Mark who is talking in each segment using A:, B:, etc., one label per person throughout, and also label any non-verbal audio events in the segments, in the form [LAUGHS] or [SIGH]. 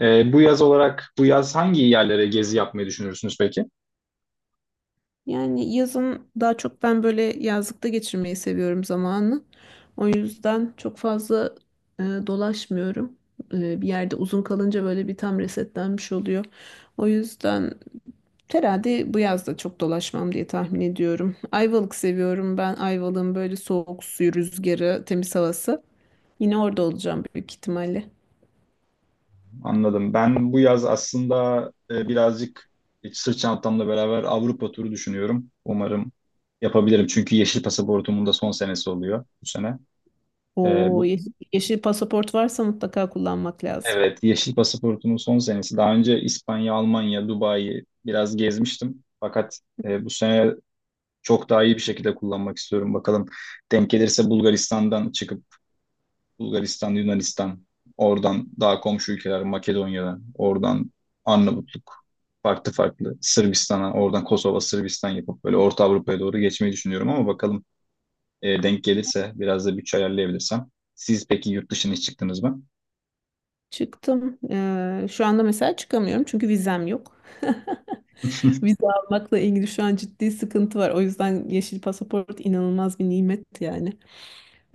A: Bu yaz hangi yerlere gezi yapmayı düşünürsünüz peki?
B: Yani yazın daha çok ben böyle yazlıkta geçirmeyi seviyorum zamanı. O yüzden çok fazla dolaşmıyorum. Bir yerde uzun kalınca böyle bir tam resetlenmiş oluyor. O yüzden herhalde bu yaz da çok dolaşmam diye tahmin ediyorum. Ayvalık seviyorum ben. Ayvalık'ın böyle soğuk suyu, rüzgarı, temiz havası. Yine orada olacağım büyük ihtimalle.
A: Anladım. Ben bu yaz aslında, birazcık sırt çantamla beraber Avrupa turu düşünüyorum. Umarım yapabilirim. Çünkü yeşil pasaportumun da son senesi oluyor bu sene. E,
B: O
A: bu,
B: yeşil, yeşil pasaport varsa mutlaka kullanmak lazım.
A: Evet, yeşil pasaportumun son senesi. Daha önce İspanya, Almanya, Dubai'yi biraz gezmiştim. Fakat bu sene çok daha iyi bir şekilde kullanmak istiyorum. Bakalım, denk gelirse Bulgaristan'dan çıkıp Bulgaristan, Yunanistan, oradan daha komşu ülkeler Makedonya'dan, oradan Arnavutluk, farklı farklı Sırbistan'a, oradan Kosova, Sırbistan yapıp böyle Orta Avrupa'ya doğru geçmeyi düşünüyorum ama bakalım, denk gelirse biraz da bütçe ayarlayabilirsem. Siz peki yurt dışına hiç çıktınız mı? [LAUGHS]
B: Çıktım. Şu anda mesela çıkamıyorum çünkü vizem yok. [LAUGHS] Vize almakla ilgili şu an ciddi sıkıntı var. O yüzden yeşil pasaport inanılmaz bir nimet yani.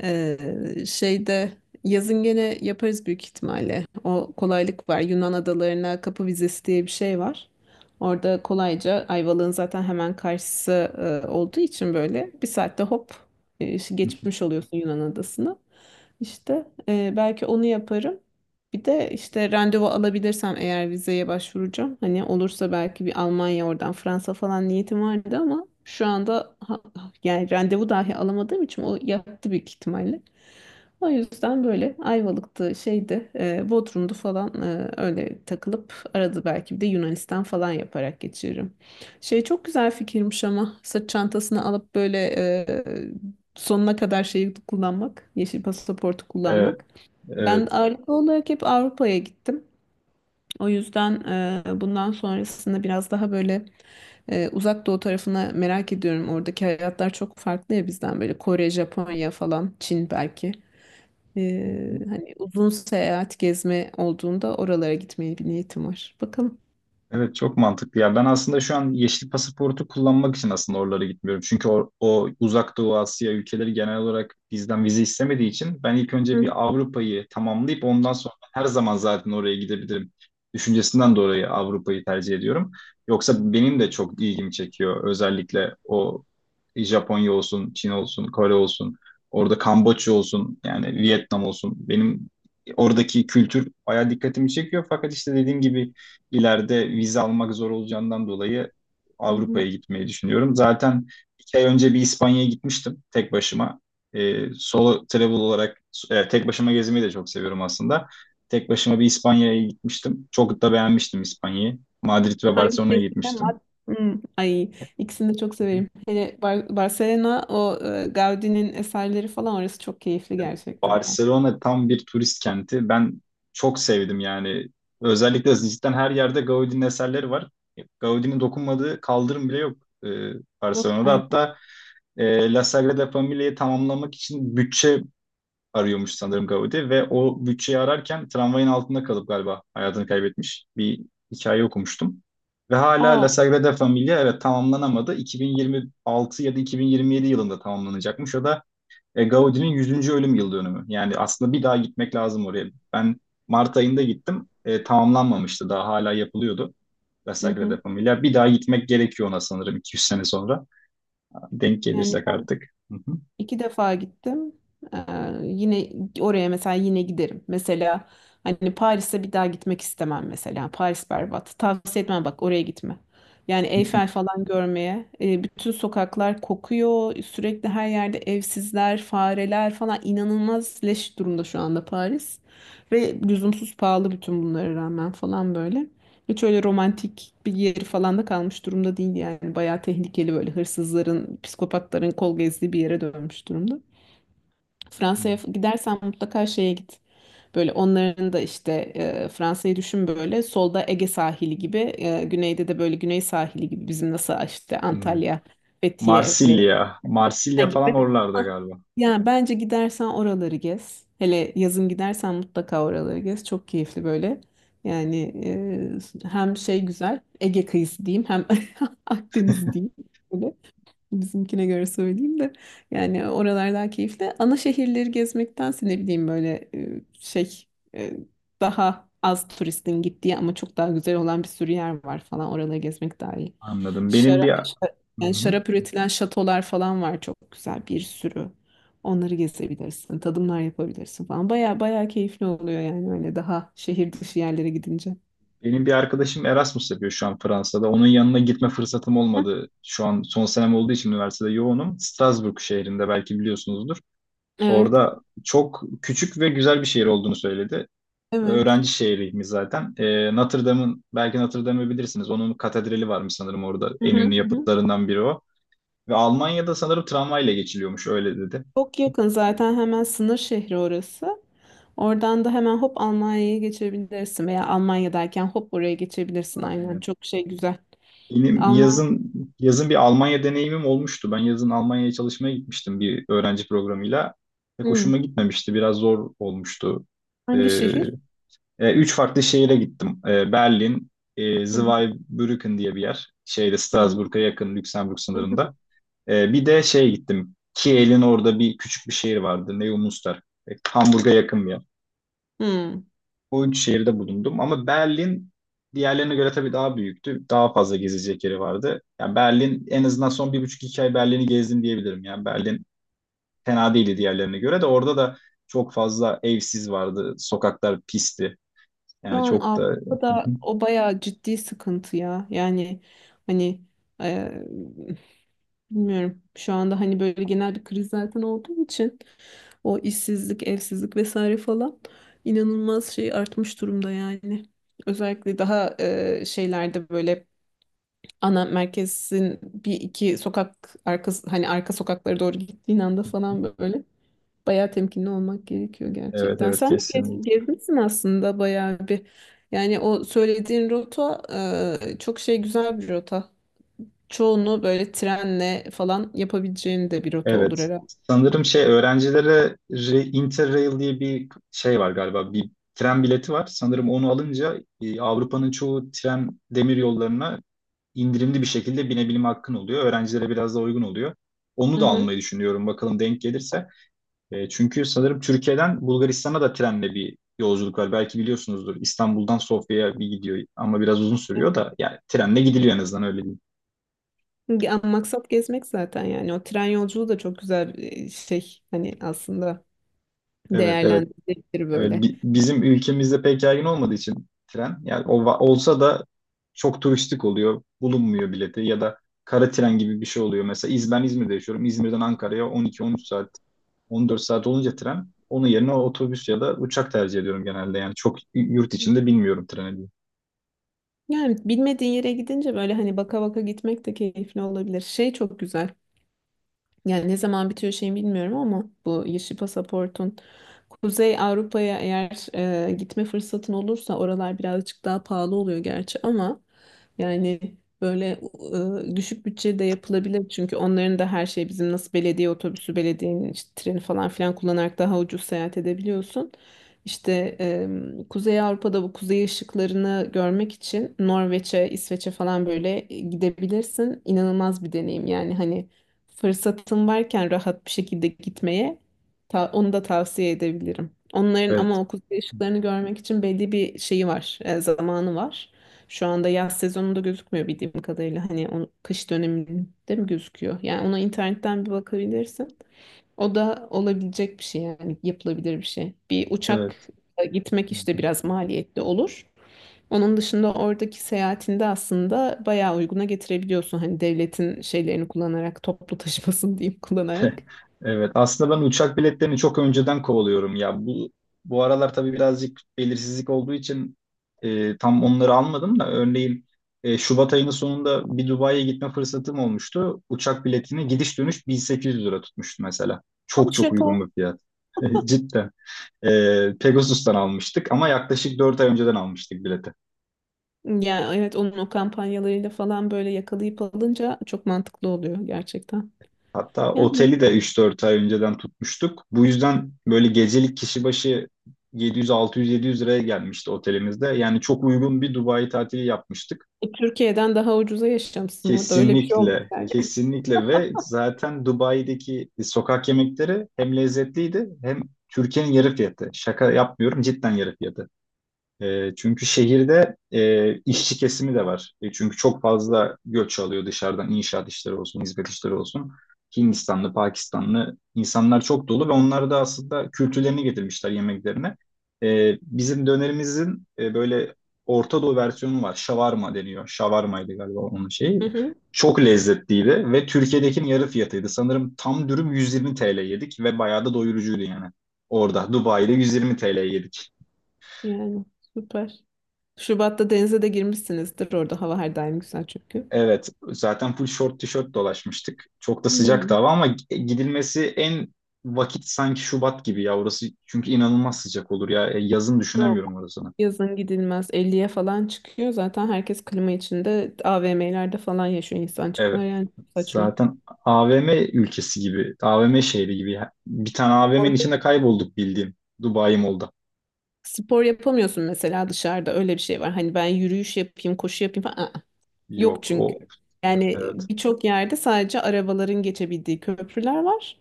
B: Şeyde yazın gene yaparız büyük ihtimalle. O kolaylık var. Yunan adalarına kapı vizesi diye bir şey var. Orada kolayca Ayvalık'ın zaten hemen karşısı olduğu için böyle bir saatte hop geçmiş oluyorsun Yunan adasını. İşte belki onu yaparım. Bir de işte randevu alabilirsem eğer vizeye başvuracağım. Hani olursa belki bir Almanya oradan Fransa falan niyetim vardı ama şu anda yani randevu dahi alamadığım için o yattı büyük ihtimalle. O yüzden böyle Ayvalık'tı, şeydi, Bodrum'du falan öyle takılıp arada belki bir de Yunanistan falan yaparak geçiririm. Şey çok güzel fikirmiş ama sırt çantasını alıp böyle sonuna kadar şeyi kullanmak, yeşil pasaportu
A: Evet.
B: kullanmak. Ben
A: Evet.
B: ağırlıklı olarak hep Avrupa'ya gittim. O yüzden bundan sonrasında biraz daha böyle uzak doğu tarafına merak ediyorum. Oradaki hayatlar çok farklı ya bizden böyle Kore, Japonya falan, Çin belki. Hani uzun seyahat gezme olduğunda oralara gitmeye bir niyetim var. Bakalım.
A: Evet, çok mantıklı ya. Ben aslında şu an yeşil pasaportu kullanmak için aslında oralara gitmiyorum. Çünkü o Uzak Doğu Asya ülkeleri genel olarak bizden vize istemediği için, ben ilk
B: Hı
A: önce
B: hı.
A: bir Avrupa'yı tamamlayıp ondan sonra her zaman zaten oraya gidebilirim. Düşüncesinden dolayı Avrupa'yı tercih ediyorum. Yoksa benim de çok ilgimi çekiyor. Özellikle o Japonya olsun, Çin olsun, Kore olsun, orada Kamboçya olsun, yani Vietnam olsun. Benim oradaki kültür bayağı dikkatimi çekiyor. Fakat işte dediğim gibi, ileride vize almak zor olacağından dolayı
B: Hı
A: Avrupa'ya
B: hı.
A: gitmeyi düşünüyorum. Zaten 2 ay önce bir İspanya'ya gitmiştim tek başıma. Solo travel olarak, tek başıma gezmeyi de çok seviyorum aslında. Tek başıma bir İspanya'ya gitmiştim. Çok da beğenmiştim İspanya'yı. Madrid ve
B: Hangi
A: Barcelona'ya
B: şehirde? Mad
A: gitmiştim.
B: Hmm, Ay ikisini de çok severim. Hele Barcelona, o Gaudi'nin eserleri falan orası çok keyifli gerçekten ya.
A: Barcelona tam bir turist kenti. Ben çok sevdim yani. Özellikle cidden her yerde Gaudi'nin eserleri var. Gaudi'nin dokunmadığı kaldırım bile yok, e,
B: Yok,
A: Barcelona'da.
B: aynen.
A: Hatta La Sagrada Familia'yı tamamlamak için bütçe arıyormuş sanırım Gaudi, ve o bütçeyi ararken tramvayın altında kalıp galiba hayatını kaybetmiş. Bir hikaye okumuştum. Ve hala
B: Aa,
A: La Sagrada Familia, evet, tamamlanamadı. 2026 ya da 2027 yılında tamamlanacakmış. O da Gaudi'nin 100. ölüm yıl dönümü. Yani aslında bir daha gitmek lazım oraya. Ben Mart ayında gittim. Tamamlanmamıştı. Daha hala yapılıyordu, La
B: hı hı.
A: Sagrada Familia. Bir daha gitmek gerekiyor ona sanırım 200 sene sonra. Denk
B: Yani
A: gelirsek artık. Hı
B: İki defa gittim. Ee, yine oraya mesela yine giderim. Mesela hani Paris'e bir daha gitmek istemem mesela. Paris berbat. Tavsiye etmem bak oraya gitme. Yani Eyfel falan görmeye. Bütün sokaklar kokuyor. Sürekli her yerde evsizler, fareler falan inanılmaz leş durumda şu anda Paris. Ve lüzumsuz pahalı bütün bunlara rağmen falan böyle. Hiç öyle romantik bir yeri falan da kalmış durumda değil yani. Bayağı tehlikeli böyle hırsızların, psikopatların kol gezdiği bir yere dönmüş durumda.
A: hı.
B: Fransa'ya gidersen mutlaka şeye git. Böyle onların da işte Fransa'yı düşün böyle solda Ege sahili gibi, güneyde de böyle güney sahili gibi bizim nasıl işte
A: Hmm.
B: Antalya, Fethiye ve
A: Marsilya.
B: Ha
A: Marsilya falan
B: gibi.
A: oralarda
B: Ha.
A: galiba.
B: Yani bence gidersen oraları gez. Hele yazın gidersen mutlaka oraları gez. Çok keyifli böyle. Yani hem şey güzel Ege kıyısı diyeyim hem [LAUGHS] Akdeniz diyeyim. Böyle. Bizimkine göre söyleyeyim de yani oralar daha keyifli. Ana şehirleri gezmektense ne bileyim böyle şey e, daha az turistin gittiği ama çok daha güzel olan bir sürü yer var falan oraları gezmek daha iyi.
A: Anladım. Benim
B: Şarap,
A: bir
B: yani
A: Hı-hı.
B: şarap üretilen şatolar falan var çok güzel bir sürü. Onları gezebilirsin, tadımlar yapabilirsin falan. Baya baya keyifli oluyor yani öyle daha şehir dışı yerlere gidince.
A: Benim bir arkadaşım Erasmus yapıyor şu an Fransa'da. Onun yanına gitme fırsatım
B: Heh.
A: olmadı. Şu an son senem olduğu için üniversitede yoğunum. Strasbourg şehrinde, belki biliyorsunuzdur.
B: Evet,
A: Orada çok küçük ve güzel bir şehir olduğunu söyledi. Ve
B: evet.
A: öğrenci şehriymiş zaten. Notre Dame'ın, belki Notre Dame'ı bilirsiniz. Onun katedrali varmış sanırım orada.
B: Hı
A: En
B: hı,
A: ünlü
B: hı hı.
A: yapıtlarından biri o. Ve Almanya'da sanırım tramvayla geçiliyormuş, öyle dedi.
B: Çok yakın zaten hemen sınır şehri orası. Oradan da hemen hop Almanya'ya geçebilirsin veya Almanya'dayken hop buraya geçebilirsin aynen. Çok şey güzel.
A: Benim
B: Alman
A: yazın, bir Almanya deneyimim olmuştu. Ben yazın Almanya'ya çalışmaya gitmiştim bir öğrenci programıyla. Pek
B: Hmm.
A: hoşuma gitmemişti. Biraz zor olmuştu.
B: Hangi
A: Ee,
B: şehir?
A: Üç farklı şehire gittim. Berlin,
B: Hmm.
A: Zweibrücken diye bir yer. Şeyde,
B: Hmm.
A: Strasbourg'a yakın, Lüksemburg sınırında. Bir de şeye gittim. Kiel'in orada bir küçük bir şehir vardı, Neumünster. Hamburg'a yakın bir yer.
B: Hmm.
A: O üç şehirde bulundum ama Berlin diğerlerine göre tabii daha büyüktü. Daha fazla gezecek yeri vardı. Yani Berlin, en azından son bir buçuk iki ay Berlin'i gezdim diyebilirim. Yani Berlin fena değildi diğerlerine göre, de orada da çok fazla evsiz vardı. Sokaklar pisti.
B: Şu
A: Yani
B: an
A: çok da
B: Avrupa'da o bayağı ciddi sıkıntı ya. Yani hani e, bilmiyorum. Şu anda hani böyle genel bir kriz zaten olduğu için o işsizlik, evsizlik vesaire falan inanılmaz şey artmış durumda yani. Özellikle daha şeylerde böyle ana merkezin bir iki sokak arkası hani arka sokaklara doğru gittiğin anda falan böyle bayağı temkinli olmak gerekiyor
A: [LAUGHS] evet,
B: gerçekten.
A: evet,
B: Sen de
A: kesinlikle.
B: gezmişsin aslında bayağı bir. Yani o söylediğin rota çok şey güzel bir rota. Çoğunu böyle trenle falan yapabileceğin de bir rota olur
A: Evet.
B: herhalde.
A: Sanırım şey, öğrencilere Interrail diye bir şey var galiba. Bir tren bileti var. Sanırım onu alınca, Avrupa'nın çoğu tren demir yollarına indirimli bir şekilde binebilme hakkın oluyor. Öğrencilere biraz daha uygun oluyor. Onu
B: Hı
A: da
B: hı.
A: almayı düşünüyorum, bakalım denk gelirse. E, çünkü sanırım Türkiye'den Bulgaristan'a da trenle bir yolculuk var. Belki biliyorsunuzdur. İstanbul'dan Sofya'ya bir gidiyor ama biraz uzun sürüyor da, yani trenle gidiliyor, en azından öyle diyeyim.
B: Ya, maksat gezmek zaten yani o tren yolculuğu da çok güzel bir şey hani aslında
A: Evet, evet.
B: değerlendirilebilir
A: Evet.
B: böyle.
A: Bizim ülkemizde pek yaygın olmadığı için tren, yani o olsa da çok turistik oluyor. Bulunmuyor bileti, ya da kara tren gibi bir şey oluyor. Mesela ben İzmir'de yaşıyorum. İzmir'den Ankara'ya 12-13 saat, 14 saat olunca tren, onun yerine otobüs ya da uçak tercih ediyorum genelde. Yani çok yurt içinde bilmiyorum treni.
B: Yani bilmediğin yere gidince böyle hani baka baka gitmek de keyifli olabilir. Şey çok güzel. Yani ne zaman bitiyor şey bilmiyorum ama bu yeşil pasaportun Kuzey Avrupa'ya eğer gitme fırsatın olursa oralar birazcık daha pahalı oluyor gerçi ama yani böyle düşük bütçede yapılabilir çünkü onların da her şey bizim nasıl belediye otobüsü, belediyenin işte treni falan filan kullanarak daha ucuz seyahat edebiliyorsun. İşte Kuzey Avrupa'da bu kuzey ışıklarını görmek için Norveç'e, İsveç'e falan böyle gidebilirsin. İnanılmaz bir deneyim yani hani fırsatın varken rahat bir şekilde gitmeye onu da tavsiye edebilirim. Onların
A: Evet,
B: ama okul değişiklerini görmek için belli bir şeyi var, zamanı var. Şu anda yaz sezonunda gözükmüyor bildiğim kadarıyla. Hani o kış döneminde mi gözüküyor? Yani ona internetten bir bakabilirsin. O da olabilecek bir şey yani yapılabilir bir şey. Bir
A: evet.
B: uçakla gitmek
A: Hı
B: işte
A: hı.
B: biraz maliyetli olur. Onun dışında oradaki seyahatinde aslında bayağı uyguna getirebiliyorsun. Hani devletin şeylerini kullanarak, toplu taşımasını [LAUGHS] diyeyim kullanarak.
A: Evet. Aslında ben uçak biletlerini çok önceden kovalıyorum ya. Bu aralar tabii birazcık belirsizlik olduğu için, tam onları almadım da, örneğin Şubat ayının sonunda bir Dubai'ye gitme fırsatım olmuştu. Uçak biletini gidiş dönüş 1800 lira tutmuştu mesela.
B: Ay,
A: Çok çok
B: şaka.
A: uygun bir fiyat. [LAUGHS] Cidden. E, Pegasus'tan almıştık, ama yaklaşık 4 ay önceden almıştık bileti.
B: Ya evet onun o kampanyalarıyla falan böyle yakalayıp alınca çok mantıklı oluyor gerçekten.
A: Hatta
B: Yani
A: oteli de 3-4 ay önceden tutmuştuk. Bu yüzden böyle gecelik kişi başı 700, 600, 700 liraya gelmişti otelimizde. Yani çok uygun bir Dubai tatili yapmıştık.
B: Türkiye'den daha ucuza yaşamışsın orada öyle bir şey olmuş
A: Kesinlikle,
B: yani.
A: kesinlikle, ve zaten Dubai'deki sokak yemekleri hem lezzetliydi, hem Türkiye'nin yarı fiyatı. Şaka yapmıyorum, cidden yarı fiyatı. Çünkü şehirde, işçi kesimi de var. Çünkü çok fazla göç alıyor dışarıdan, inşaat işleri olsun, hizmet işleri olsun. Hindistanlı, Pakistanlı insanlar çok dolu ve onlar da aslında kültürlerini getirmişler yemeklerine. Bizim dönerimizin, böyle Orta Doğu versiyonu var. Şavarma deniyor. Şavarmaydı galiba onun şeyi.
B: Hı hı,
A: Çok lezzetliydi ve Türkiye'dekinin yarı fiyatıydı. Sanırım tam dürüm 120 TL yedik ve bayağı da doyurucuydu yani. Orada Dubai'de 120 TL yedik.
B: [LAUGHS] yani süper. Şubat'ta denize de girmişsinizdir orada hava her daim güzel çünkü.
A: Evet, zaten full short tişört dolaşmıştık. Çok da sıcaktı
B: Yani.
A: hava, ama gidilmesi en vakit sanki Şubat gibi ya orası. Çünkü inanılmaz sıcak olur ya. Yazın
B: Yok.
A: düşünemiyorum orasını.
B: Yazın gidilmez. 50'ye falan çıkıyor. Zaten herkes klima içinde AVM'lerde falan yaşıyor
A: Evet.
B: insancıklar. Yani çok saçma.
A: Zaten AVM ülkesi gibi, AVM şehri gibi. Bir tane AVM'nin
B: Orada
A: içinde kaybolduk bildiğim, Dubai Mall'da.
B: spor yapamıyorsun mesela dışarıda. Öyle bir şey var. Hani ben yürüyüş yapayım, koşu yapayım falan. Aa. Yok
A: Yok,
B: çünkü.
A: o.
B: Yani
A: Evet.
B: birçok yerde sadece arabaların geçebildiği köprüler var.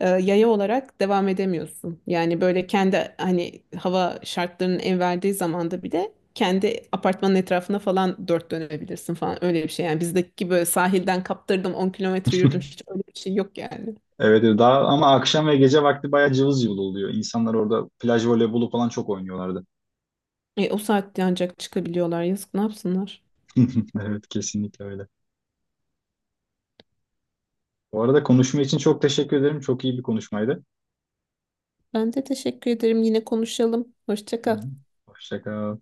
B: Yaya olarak devam edemiyorsun. Yani böyle kendi hani hava şartlarının el verdiği zamanda bile kendi apartmanın etrafına falan dört dönebilirsin falan öyle bir şey. Yani bizdeki böyle sahilden kaptırdım 10 kilometre yürüdüm hiç öyle bir şey yok yani.
A: Evet, evet. Daha ama akşam ve gece vakti bayağı cıvıl cıvıl oluyor. İnsanlar orada plaj voleybolu falan çok oynuyorlardı.
B: O saatte ancak çıkabiliyorlar yazık ne yapsınlar.
A: [LAUGHS] Evet, kesinlikle öyle. Bu arada, konuşma için çok teşekkür ederim. Çok iyi bir konuşmaydı.
B: Ben de teşekkür ederim yine konuşalım. Hoşça
A: Hı
B: kal.
A: hı. Hoşça kal.